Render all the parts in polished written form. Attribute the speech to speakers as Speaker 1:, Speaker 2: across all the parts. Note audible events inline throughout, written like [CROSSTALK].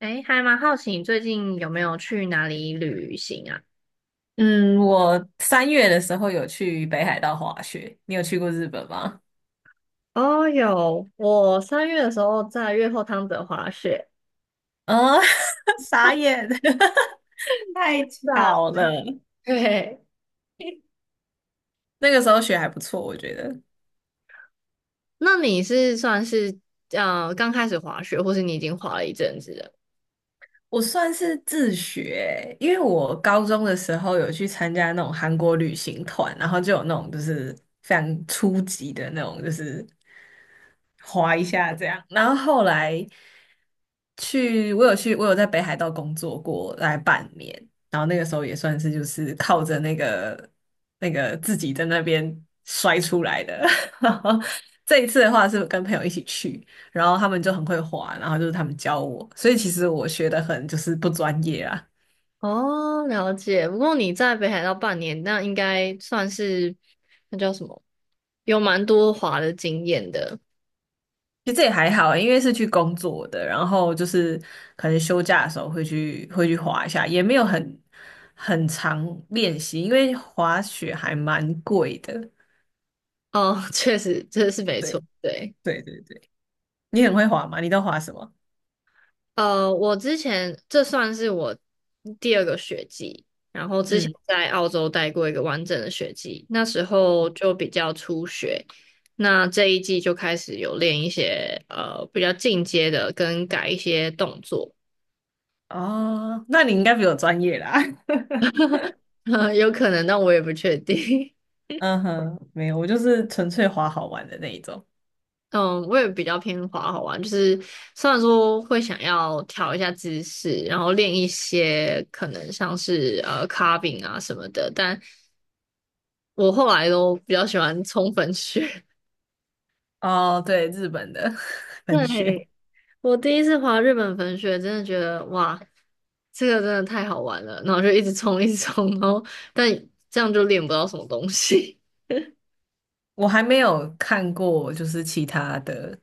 Speaker 1: 哎，还蛮好奇你最近有没有去哪里旅行啊？
Speaker 2: 嗯，我三月的时候有去北海道滑雪，你有去过日本吗？
Speaker 1: 哦，有，我三月的时候在越后汤泽滑雪。
Speaker 2: 嗯，[LAUGHS] 傻眼，[LAUGHS] 太
Speaker 1: 是啊，
Speaker 2: 巧了。
Speaker 1: 对，
Speaker 2: 那个时候雪还不错，我觉得
Speaker 1: [LAUGHS] 那你是算是刚开始滑雪，或是你已经滑了一阵子了？
Speaker 2: 我算是自学，因为我高中的时候有去参加那种韩国旅行团，然后就有那种就是非常初级的那种，就是滑一下这样。然后后来去，我有去，我有在北海道工作过大概半年，然后那个时候也算是就是靠着那个自己在那边摔出来的。[LAUGHS] 然后这一次的话是跟朋友一起去，然后他们就很会滑，然后就是他们教我，所以其实我学的很就是不专业啊。
Speaker 1: 哦，了解。不过你在北海道半年，那应该算是那叫什么，有蛮多滑的经验的。
Speaker 2: 其实这也还好欸，因为是去工作的，然后就是可能休假的时候会去滑一下，也没有很常练习，因为滑雪还蛮贵的。
Speaker 1: 哦，[LAUGHS] 确实，这是没
Speaker 2: 对。
Speaker 1: 错，对。
Speaker 2: 对对对，你很会滑吗？你都滑什么？
Speaker 1: 我之前这算是我第二个学季，然后之前
Speaker 2: 嗯，
Speaker 1: 在澳洲待过一个完整的学季，那时候就比较初学，那这一季就开始有练一些比较进阶的，跟改一些动作，
Speaker 2: 哦，那你应该比我专业啦。[LAUGHS]
Speaker 1: [LAUGHS] 有可能，但我也不确定。[LAUGHS]
Speaker 2: 嗯哼，没有，我就是纯粹滑好玩的那一种。
Speaker 1: 嗯，我也比较偏滑好玩，就是虽然说会想要调一下姿势，然后练一些可能像是carving 啊什么的，但我后来都比较喜欢冲粉雪。
Speaker 2: 哦，对，日本的 [LAUGHS]，
Speaker 1: [LAUGHS]
Speaker 2: 粉雪。
Speaker 1: 对，我第一次滑日本粉雪，真的觉得哇，这个真的太好玩了，然后就一直冲，一直冲，然后但这样就练不到什么东西。
Speaker 2: 我还没有看过，就是其他的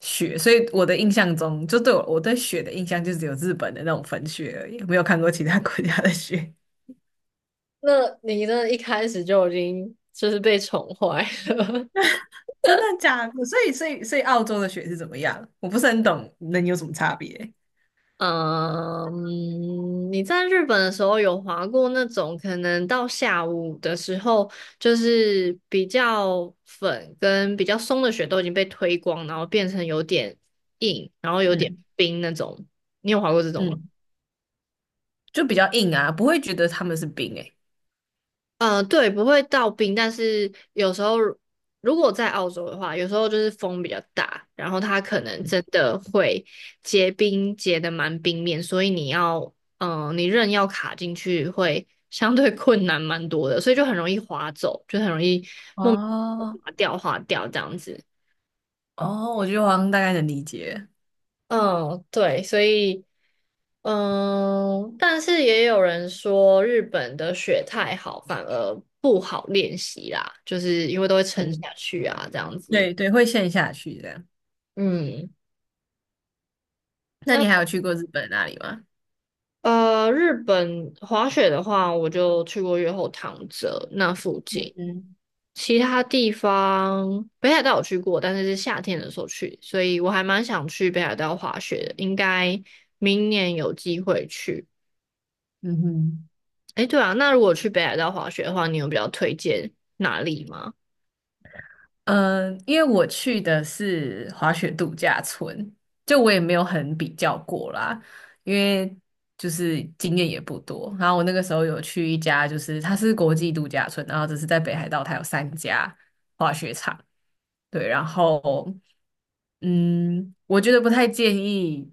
Speaker 2: 雪，所以我的印象中，就对我对雪的印象就只有日本的那种粉雪而已，没有看过其他国家的雪。
Speaker 1: [LAUGHS] 那你的一开始就已经就是被宠坏了。[LAUGHS]
Speaker 2: [LAUGHS] 真的假的？所以澳洲的雪是怎么样？我不是很懂，能有什么差别？
Speaker 1: 你在日本的时候有滑过那种可能到下午的时候，就是比较粉跟比较松的雪都已经被推光，然后变成有点硬，然后有点
Speaker 2: 嗯
Speaker 1: 冰那种。你有滑过这种吗？
Speaker 2: 嗯，就比较硬啊，不会觉得他们是冰诶、
Speaker 1: 嗯，对，不会到冰，但是有时候如果在澳洲的话，有时候就是风比较大，然后它可能真的会结冰，结的蛮冰面，所以你要，嗯，你刃要卡进去会相对 [LAUGHS] 困难蛮多的，所以就很容易滑走，就很容易莫名其妙
Speaker 2: 哦，
Speaker 1: 滑掉这样子。
Speaker 2: 哦，我觉得我好像大概能理解。
Speaker 1: 嗯，对，所以，嗯，但是也有人说日本的雪太好，反而不好练习啦，就是因为都会沉
Speaker 2: 嗯，
Speaker 1: 下去啊，这样子。
Speaker 2: 对对，会陷下去这样。
Speaker 1: 嗯，
Speaker 2: 那
Speaker 1: 那
Speaker 2: 你还有去过日本那里吗？
Speaker 1: 日本滑雪的话，我就去过越后汤泽那附
Speaker 2: 嗯
Speaker 1: 近，
Speaker 2: 嗯，
Speaker 1: 其他地方北海道有去过，但是是夏天的时候去，所以我还蛮想去北海道滑雪的，应该明年有机会去。
Speaker 2: 嗯哼，
Speaker 1: 哎，对啊，那如果去北海道滑雪的话，你有比较推荐哪里吗？
Speaker 2: 嗯，因为我去的是滑雪度假村，就我也没有很比较过啦，因为就是经验也不多。然后我那个时候有去一家，就是它是国际度假村，然后只是在北海道，它有三家滑雪场。对，然后，嗯，我觉得不太建议，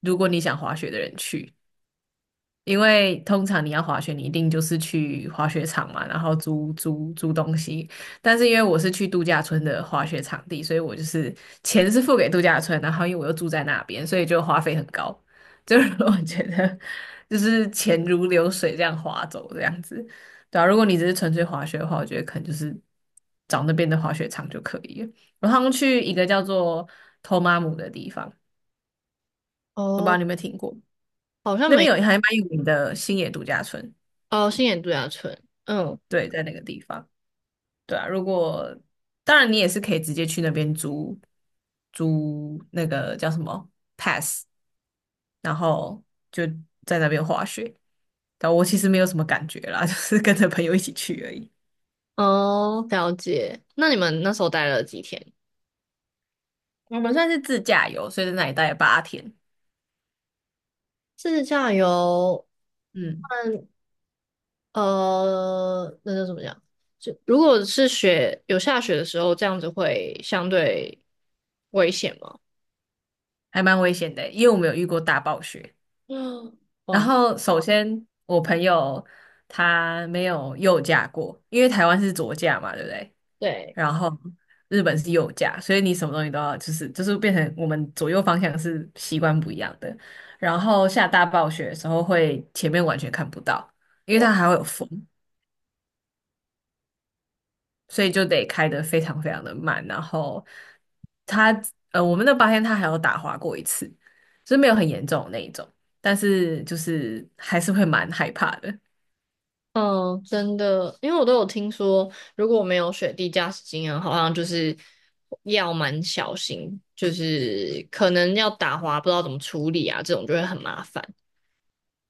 Speaker 2: 如果你想滑雪的人去，因为通常你要滑雪，你一定就是去滑雪场嘛，然后租东西。但是因为我是去度假村的滑雪场地，所以我就是钱是付给度假村，然后因为我又住在那边，所以就花费很高。就是 [LAUGHS] 我觉得就是钱如流水这样划走这样子，对啊。如果你只是纯粹滑雪的话，我觉得可能就是找那边的滑雪场就可以了。我好像去一个叫做托马姆的地方，我不知道
Speaker 1: 哦，
Speaker 2: 你有没有听过，
Speaker 1: 好像
Speaker 2: 那边
Speaker 1: 没，
Speaker 2: 有还蛮有名的星野度假村。
Speaker 1: 哦，新野度假村，嗯，
Speaker 2: 对，在那个地方，对啊。如果当然，你也是可以直接去那边租那个叫什么，然后就在那边滑雪。但我其实没有什么感觉啦，[LAUGHS] 就是跟着朋友一起去而已。
Speaker 1: 哦，了解。那你们那时候待了几天？
Speaker 2: 我们算是自驾游，所以在那里待了八天，
Speaker 1: 自驾游，
Speaker 2: 嗯，
Speaker 1: 嗯，那叫怎么讲？就如果是雪，有下雪的时候，这样子会相对危险吗？
Speaker 2: 还蛮危险的，因为我们有遇过大暴雪。
Speaker 1: 嗯，
Speaker 2: 然
Speaker 1: 哇，
Speaker 2: 后首先我朋友他没有右驾过，因为台湾是左驾嘛，对不对？
Speaker 1: 对。
Speaker 2: 然后日本是右驾，所以你什么东西都要就是变成我们左右方向是习惯不一样的。然后下大暴雪的时候会前面完全看不到，因为它
Speaker 1: 哇。
Speaker 2: 还会有风，所以就得开得非常非常的慢。然后它我们那八天它还有打滑过一次，就是没有很严重的那一种，但是就是还是会蛮害怕的。
Speaker 1: 嗯，真的，因为我都有听说，如果没有雪地驾驶经验，好像就是要蛮小心，就是可能要打滑，不知道怎么处理啊，这种就会很麻烦。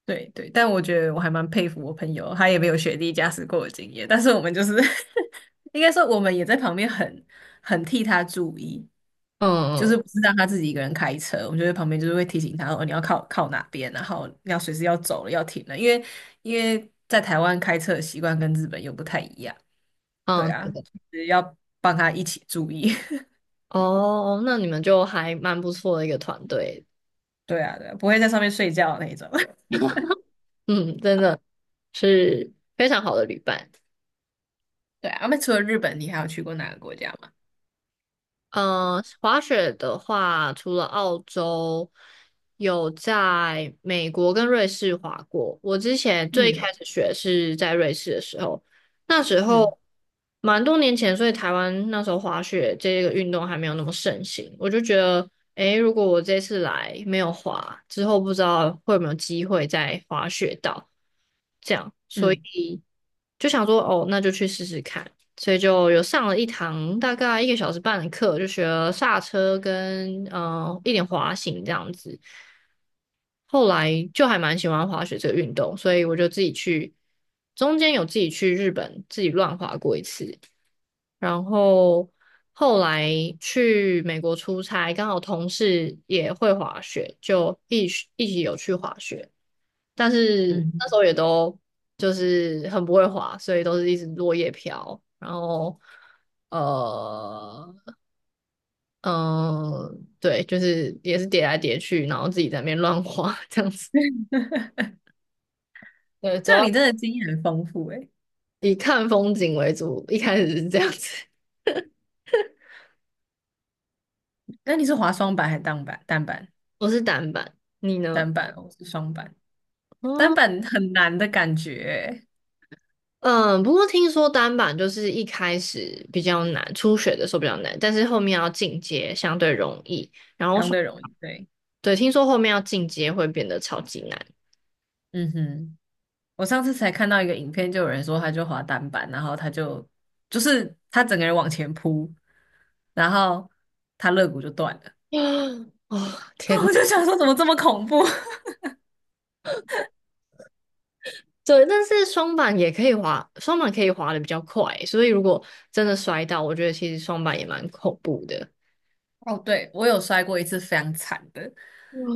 Speaker 2: 对对，但我觉得我还蛮佩服我朋友，他也没有雪地驾驶过的经验，但是我们就是 [LAUGHS] 应该说我们也在旁边很替他注意，就是
Speaker 1: 嗯
Speaker 2: 不是让他自己一个人开车，我们就在旁边就是会提醒他哦，你要靠哪边，然后你要随时要走了要停了，因为在台湾开车的习惯跟日本又不太一样，对
Speaker 1: 嗯
Speaker 2: 啊，
Speaker 1: 嗯，对
Speaker 2: 就是要帮他一起注意，
Speaker 1: 哦，那你们就还蛮不错的一个团队，
Speaker 2: [LAUGHS] 对啊对啊，不会在上面睡觉的那一种，[LAUGHS]
Speaker 1: 嗯，真的是非常好的旅伴。
Speaker 2: 对啊，那除了日本，你还有去过哪个国家吗？
Speaker 1: 嗯，滑雪的话，除了澳洲，有在美国跟瑞士滑过。我之前最
Speaker 2: 嗯
Speaker 1: 开始学是在瑞士的时候，那时
Speaker 2: 嗯
Speaker 1: 候蛮多年前，所以台湾那时候滑雪这个运动还没有那么盛行。我就觉得，诶，如果我这次来没有滑，之后不知道会有没有机会再滑雪到，这样。所以。
Speaker 2: 嗯
Speaker 1: 就想说哦，那就去试试看，所以就有上了一堂大概一个小时半的课，就学了刹车跟一点滑行这样子。后来就还蛮喜欢滑雪这个运动，所以我就自己去，中间有自己去日本自己乱滑过一次，然后后来去美国出差，刚好同事也会滑雪，就一起有去滑雪。但是
Speaker 2: 嗯。
Speaker 1: 那时
Speaker 2: 嗯，
Speaker 1: 候也都就是很不会滑，所以都是一直落叶飘，然后呃嗯，对，就是也是叠来叠去，然后自己在那边乱滑 [LAUGHS] 这样子。对，主
Speaker 2: 这样你
Speaker 1: 要
Speaker 2: 真的经验很丰富哎，
Speaker 1: 以看风景为主，一开始是这样子。
Speaker 2: 那你是滑双板还是单板？单板，
Speaker 1: [LAUGHS] 我是单板，你呢？
Speaker 2: 单板哦，我是双板。单板很难的感觉欸。
Speaker 1: 嗯，不过听说单板就是一开始比较难，初学的时候比较难，但是后面要进阶相对容易。然后
Speaker 2: 相
Speaker 1: 说，
Speaker 2: 对容易。对，
Speaker 1: 对，听说后面要进阶会变得超级难。
Speaker 2: 嗯哼，我上次才看到一个影片，就有人说他就滑单板，然后就是他整个人往前扑，然后他肋骨就断了。
Speaker 1: [GASPS] 哦，
Speaker 2: [LAUGHS] 啊，
Speaker 1: 天呐，
Speaker 2: 我就想说怎么这么恐怖？
Speaker 1: 对，但是双板也可以滑，双板可以滑的比较快，所以如果真的摔到，我觉得其实双板也蛮恐怖的。
Speaker 2: 哦，对，我有摔过一次非常惨的，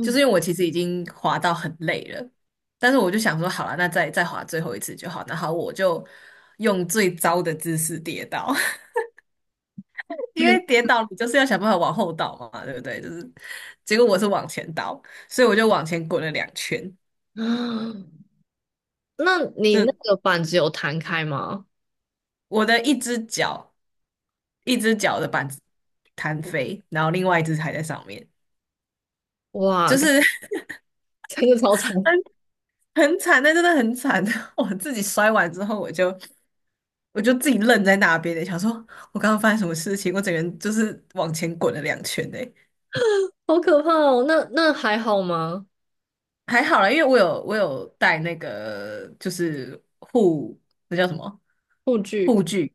Speaker 2: 就是因为我其实已经滑到很累了，但是我就想说，好了，那再滑最后一次就好。然后我就用最糟的姿势跌倒，[LAUGHS] 因为
Speaker 1: 嗯
Speaker 2: 跌倒你就是要想办法往后倒嘛，对不对？就是结果我是往前倒，所以我就往前滚了两圈，
Speaker 1: 啊那你那
Speaker 2: 这
Speaker 1: 个板子有弹开吗？
Speaker 2: 我的一只脚的板子弹飞，然后另外一只还在上面，
Speaker 1: 哇，
Speaker 2: 就是 [LAUGHS]
Speaker 1: 真的超长，
Speaker 2: 很很惨，那真的很惨。[LAUGHS] 我自己摔完之后，我就自己愣在那边的，想说我刚刚发生什么事情，我整个人就是往前滚了两圈的。
Speaker 1: 好可怕哦！那那还好吗？
Speaker 2: 还好啦，因为我有带那个就是那叫什么，
Speaker 1: 护具，
Speaker 2: 护具，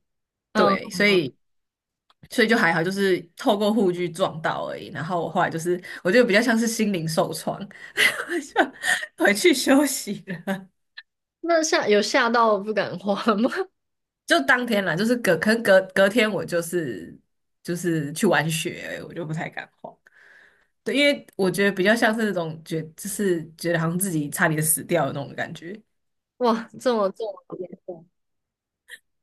Speaker 1: 嗯，
Speaker 2: 对，所以就还好，就是透过护具撞到而已。然后我后来就是我觉得比较像是心灵受创，[LAUGHS] 就回去休息了。
Speaker 1: 那吓有吓到不敢滑吗？[LAUGHS]
Speaker 2: 就当天啦，就是可能隔天我就是去玩雪而已，我就不太敢滑。对，因为我觉得比较像是那种觉，就是觉得好像自己差点死掉的那种感觉。
Speaker 1: 哇，这么这么严重，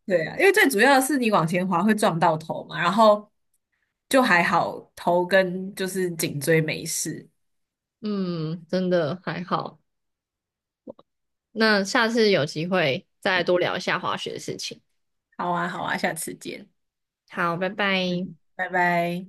Speaker 2: 对啊，因为最主要的是你往前滑会撞到头嘛，然后就还好，头跟就是颈椎没事。
Speaker 1: 嗯，真的还好。那下次有机会再多聊一下滑雪的事情。
Speaker 2: 好啊，好啊，下次见，
Speaker 1: 好，拜拜。
Speaker 2: 嗯，拜拜。